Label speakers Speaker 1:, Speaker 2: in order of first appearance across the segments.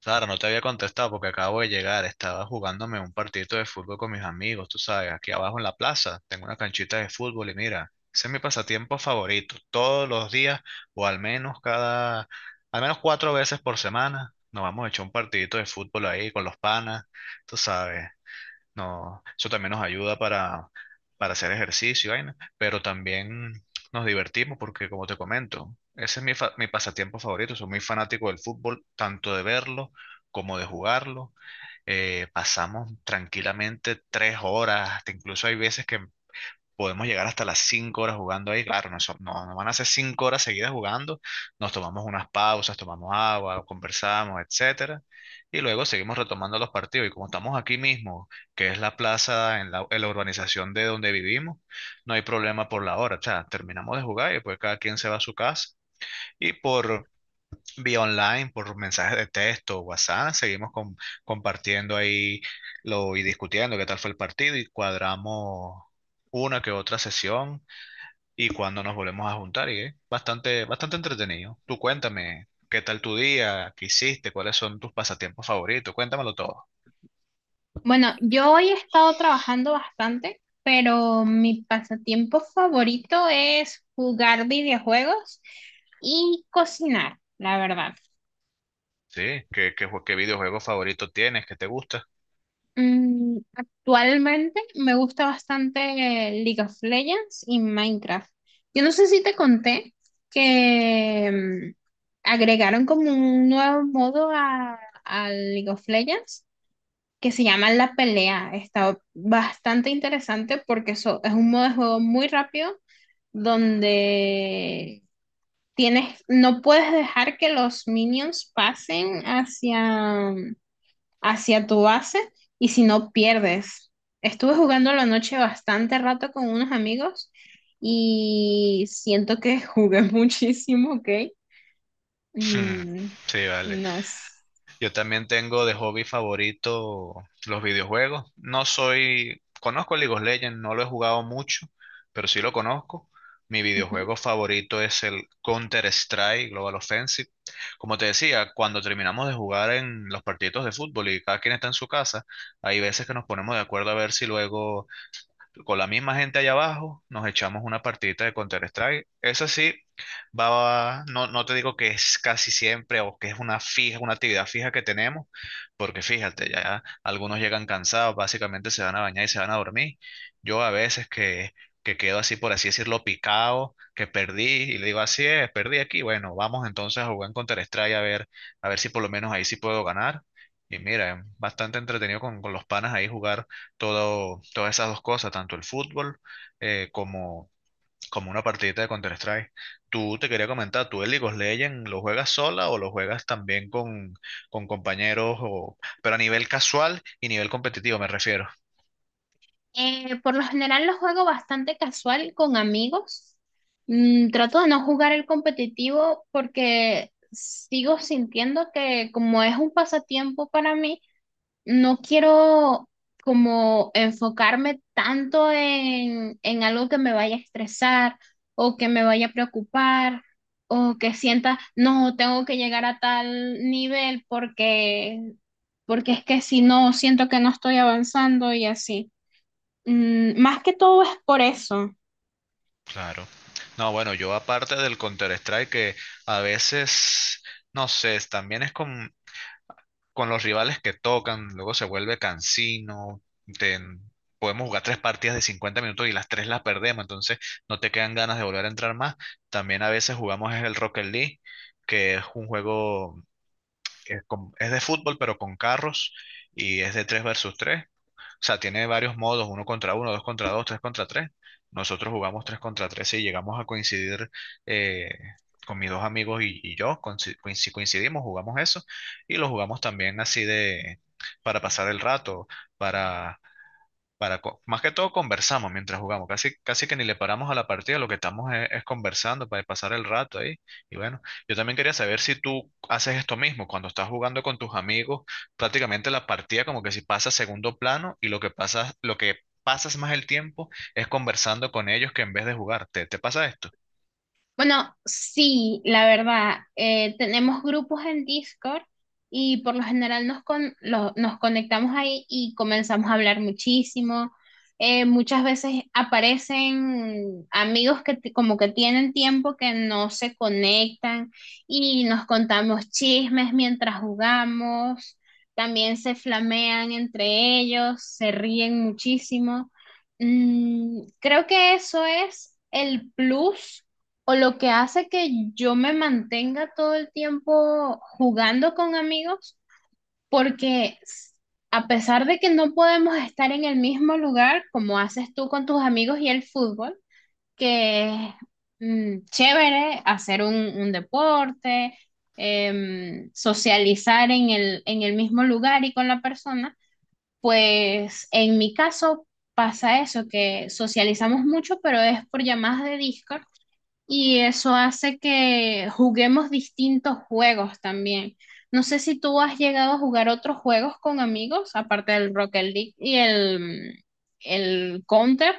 Speaker 1: Sara, no te había contestado porque acabo de llegar. Estaba jugándome un partidito de fútbol con mis amigos, tú sabes, aquí abajo en la plaza. Tengo una canchita de fútbol y mira, ese es mi pasatiempo favorito. Todos los días o al menos al menos cuatro veces por semana, nos vamos a echar un partidito de fútbol ahí con los panas, tú sabes. No, eso también nos ayuda para hacer ejercicio, y vaina, pero también nos divertimos porque, como te comento, ese es mi pasatiempo favorito. Soy muy fanático del fútbol, tanto de verlo como de jugarlo. Pasamos tranquilamente 3 horas, hasta incluso hay veces que podemos llegar hasta las 5 horas jugando ahí. Claro, no, no van a ser 5 horas seguidas jugando. Nos tomamos unas pausas, tomamos agua, conversamos, etcétera. Y luego seguimos retomando los partidos. Y como estamos aquí mismo, que es la plaza en la urbanización de donde vivimos, no hay problema por la hora. O sea, terminamos de jugar y pues cada quien se va a su casa. Y por vía online, por mensajes de texto, WhatsApp, seguimos compartiendo ahí y discutiendo qué tal fue el partido y cuadramos una que otra sesión y cuando nos volvemos a juntar y es bastante, bastante entretenido. Tú cuéntame, ¿qué tal tu día? ¿Qué hiciste? ¿Cuáles son tus pasatiempos favoritos? Cuéntamelo todo.
Speaker 2: Bueno, yo hoy he estado trabajando bastante, pero mi pasatiempo favorito es jugar videojuegos y cocinar, la verdad.
Speaker 1: Sí, ¿qué videojuego favorito tienes? ¿Qué te gusta?
Speaker 2: Actualmente me gusta bastante League of Legends y Minecraft. Yo no sé si te conté que agregaron como un nuevo modo a League of Legends que se llama La Pelea. Está bastante interesante porque eso es un modo de juego muy rápido donde tienes, no puedes dejar que los minions pasen hacia tu base y si no pierdes. Estuve jugando la noche bastante rato con unos amigos y siento que jugué muchísimo, ¿ok? Mm,
Speaker 1: Sí, vale.
Speaker 2: no. sé.
Speaker 1: Yo también tengo de hobby favorito los videojuegos. No soy, conozco League of Legends, no lo he jugado mucho, pero sí lo conozco. Mi videojuego favorito es el Counter-Strike Global Offensive. Como te decía, cuando terminamos de jugar en los partidos de fútbol y cada quien está en su casa, hay veces que nos ponemos de acuerdo a ver si luego con la misma gente allá abajo, nos echamos una partidita de Counter-Strike. Eso sí, no te digo que es casi siempre o que es una fija, una actividad fija que tenemos, porque fíjate, ya algunos llegan cansados, básicamente se van a bañar y se van a dormir. Yo a veces que quedo así, por así decirlo, picado, que perdí y le digo, así es, perdí aquí. Bueno, vamos entonces a jugar en Counter-Strike a ver si por lo menos ahí sí puedo ganar. Y mira, es bastante entretenido con los panas ahí jugar todas esas dos cosas, tanto el fútbol eh, como, como una partidita de Counter-Strike. Tú te quería comentar, ¿tú el League of Legends lo juegas sola o lo juegas también con compañeros, o, pero a nivel casual y nivel competitivo me refiero?
Speaker 2: Por lo general lo juego bastante casual con amigos. Trato de no jugar el competitivo porque sigo sintiendo que como es un pasatiempo para mí, no quiero como enfocarme tanto en algo que me vaya a estresar o que me vaya a preocupar o que sienta, no, tengo que llegar a tal nivel porque es que si no, siento que no estoy avanzando y así. Más que todo es por eso.
Speaker 1: Claro. No, bueno, yo aparte del Counter-Strike que a veces, no sé, también es con los rivales que tocan, luego se vuelve cansino, te- podemos jugar tres partidas de 50 minutos y las tres las perdemos, entonces no te quedan ganas de volver a entrar más. También a veces jugamos es el Rocket League, que es un juego, que es, es de fútbol pero con carros y es de 3 versus tres. O sea, tiene varios modos, uno contra uno, dos contra dos, tres contra tres. Nosotros jugamos tres contra tres y llegamos a coincidir eh, con mis dos amigos y yo. Si coincidimos, jugamos eso y lo jugamos también así de para pasar el rato, para más que todo conversamos mientras jugamos, casi, casi que ni le paramos a la partida, lo que estamos es conversando para pasar el rato ahí. Y bueno, yo también quería saber si tú haces esto mismo, cuando estás jugando con tus amigos, prácticamente la partida como que si pasa a segundo plano y lo que pasa, lo que pasas más el tiempo es conversando con ellos que en vez de jugar. ¿Te pasa esto?
Speaker 2: Bueno, sí, la verdad, tenemos grupos en Discord y por lo general nos conectamos ahí y comenzamos a hablar muchísimo. Muchas veces aparecen amigos como que tienen tiempo que no se conectan y nos contamos chismes mientras jugamos. También se flamean entre ellos, se ríen muchísimo. Creo que eso es el plus o lo que hace que yo me mantenga todo el tiempo jugando con amigos, porque s- a pesar de que no podemos estar en el mismo lugar, como haces tú con tus amigos y el fútbol, que es chévere hacer un deporte, socializar en el mismo lugar y con la persona, pues en mi caso pasa eso, que socializamos mucho, pero es por llamadas de Discord y eso hace que juguemos distintos juegos también. No sé si tú has llegado a jugar otros juegos con amigos, aparte del Rocket League el Counter.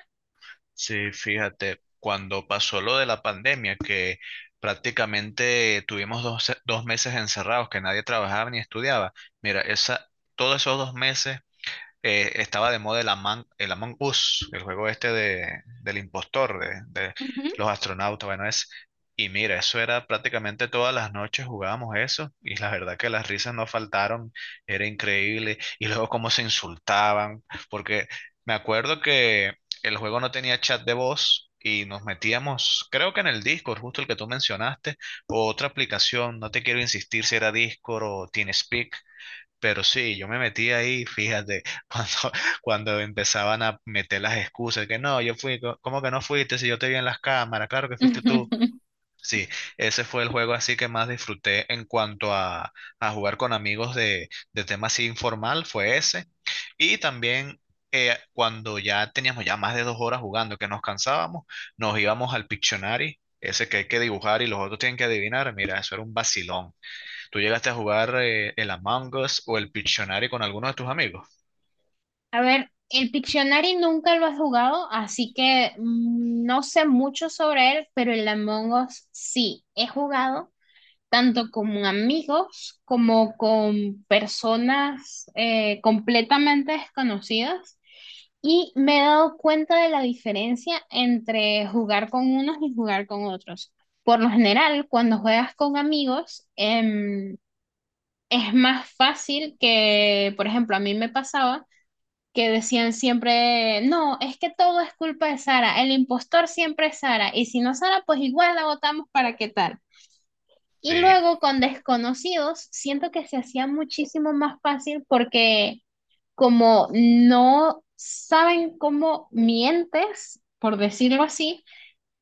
Speaker 1: Sí, fíjate, cuando pasó lo de la pandemia, que prácticamente tuvimos dos meses encerrados, que nadie trabajaba ni estudiaba, mira, todos esos 2 meses estaba de moda el Among Us, el juego este del impostor, de
Speaker 2: Ujú.
Speaker 1: los astronautas, bueno, es... Y mira, eso era prácticamente todas las noches jugábamos eso y la verdad que las risas no faltaron, era increíble. Y luego cómo se insultaban, porque me acuerdo que el juego no tenía chat de voz y nos metíamos, creo que en el Discord, justo el que tú mencionaste, o otra aplicación, no te quiero insistir si era Discord o TeamSpeak, pero sí, yo me metí ahí, fíjate, cuando, cuando empezaban a meter las excusas, que no, yo fui, ¿cómo que no fuiste? Si yo te vi en las cámaras, claro que fuiste tú. Sí, ese fue el juego así que más disfruté en cuanto a jugar con amigos de tema así informal, fue ese. Y también cuando ya teníamos ya más de 2 horas jugando, que nos cansábamos, nos íbamos al Pictionary, ese que hay que dibujar y los otros tienen que adivinar, mira, eso era un vacilón. ¿Tú llegaste a jugar el Among Us o el Pictionary con algunos de tus amigos?
Speaker 2: A ver, el Pictionary nunca lo has jugado, así que no sé mucho sobre él, pero el Among Us sí he jugado tanto con amigos como con personas completamente desconocidas y me he dado cuenta de la diferencia entre jugar con unos y jugar con otros. Por lo general, cuando juegas con amigos, es más fácil que, por ejemplo, a mí me pasaba que decían siempre, no, es que todo es culpa de Sara, el impostor siempre es Sara, y si no Sara, pues igual la votamos para qué tal. Y
Speaker 1: Sí,
Speaker 2: luego con desconocidos, siento que se hacía muchísimo más fácil porque como no saben cómo mientes, por decirlo así,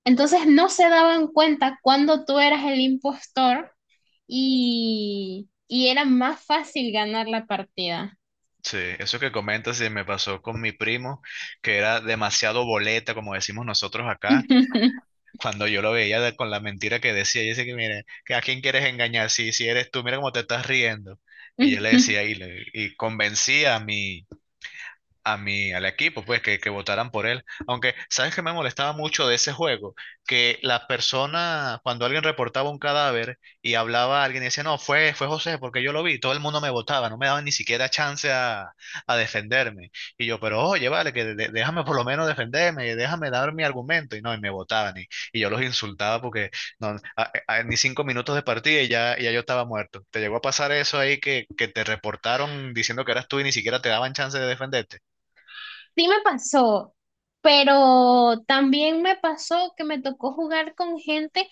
Speaker 2: entonces no se daban cuenta cuando tú eras el impostor y era más fácil ganar la partida.
Speaker 1: sí, eso que comentas sí, me pasó con mi primo, que era demasiado boleta, como decimos nosotros acá. Cuando yo lo veía con la mentira que decía, y dice que, mire, que a quién quieres engañar, si, si eres tú, mira cómo te estás riendo. Y yo le decía, y convencía a al equipo, pues que votaran por él. Aunque, ¿sabes qué me molestaba mucho de ese juego? Que la persona, cuando alguien reportaba un cadáver y hablaba a alguien y decía, no, fue José, porque yo lo vi, todo el mundo me votaba, no me daban ni siquiera chance a defenderme. Y yo, pero oye, vale, que déjame por lo menos defenderme, déjame dar mi argumento. Y no, y me votaban. Y yo los insultaba porque no, ni 5 minutos de partida y ya yo estaba muerto. ¿Te llegó a pasar eso ahí que te reportaron diciendo que eras tú y ni siquiera te daban chance de defenderte?
Speaker 2: Sí me pasó, pero también me pasó que me tocó jugar con gente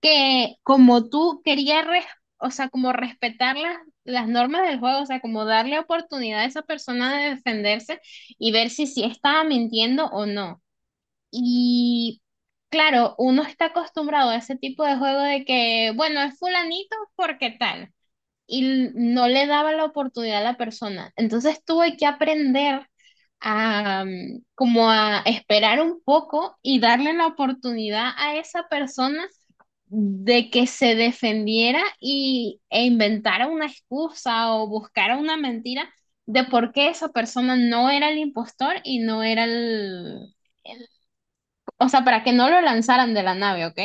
Speaker 2: que como tú querías, o sea, como respetar las normas del juego, o sea, como darle oportunidad a esa persona de defenderse y ver si sí estaba mintiendo o no. Y claro, uno está acostumbrado a ese tipo de juego de que, bueno, es fulanito porque tal y no le daba la oportunidad a la persona. Entonces tuve que aprender a como a esperar un poco y darle la oportunidad a esa persona de que se defendiera e inventara una excusa o buscara una mentira de por qué esa persona no era el impostor y no era el- o sea, para que no lo lanzaran de la nave, ¿ok?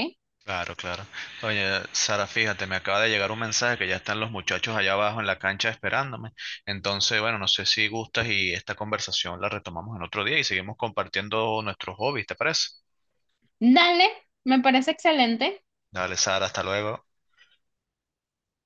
Speaker 1: Claro, claro. Oye, Sara, fíjate, me acaba de llegar un mensaje que ya están los muchachos allá abajo en la cancha esperándome. Entonces, bueno, no sé si gustas y esta conversación la retomamos en otro día y seguimos compartiendo nuestros hobbies, ¿te parece?
Speaker 2: Dale, me parece excelente.
Speaker 1: Dale, Sara, hasta luego.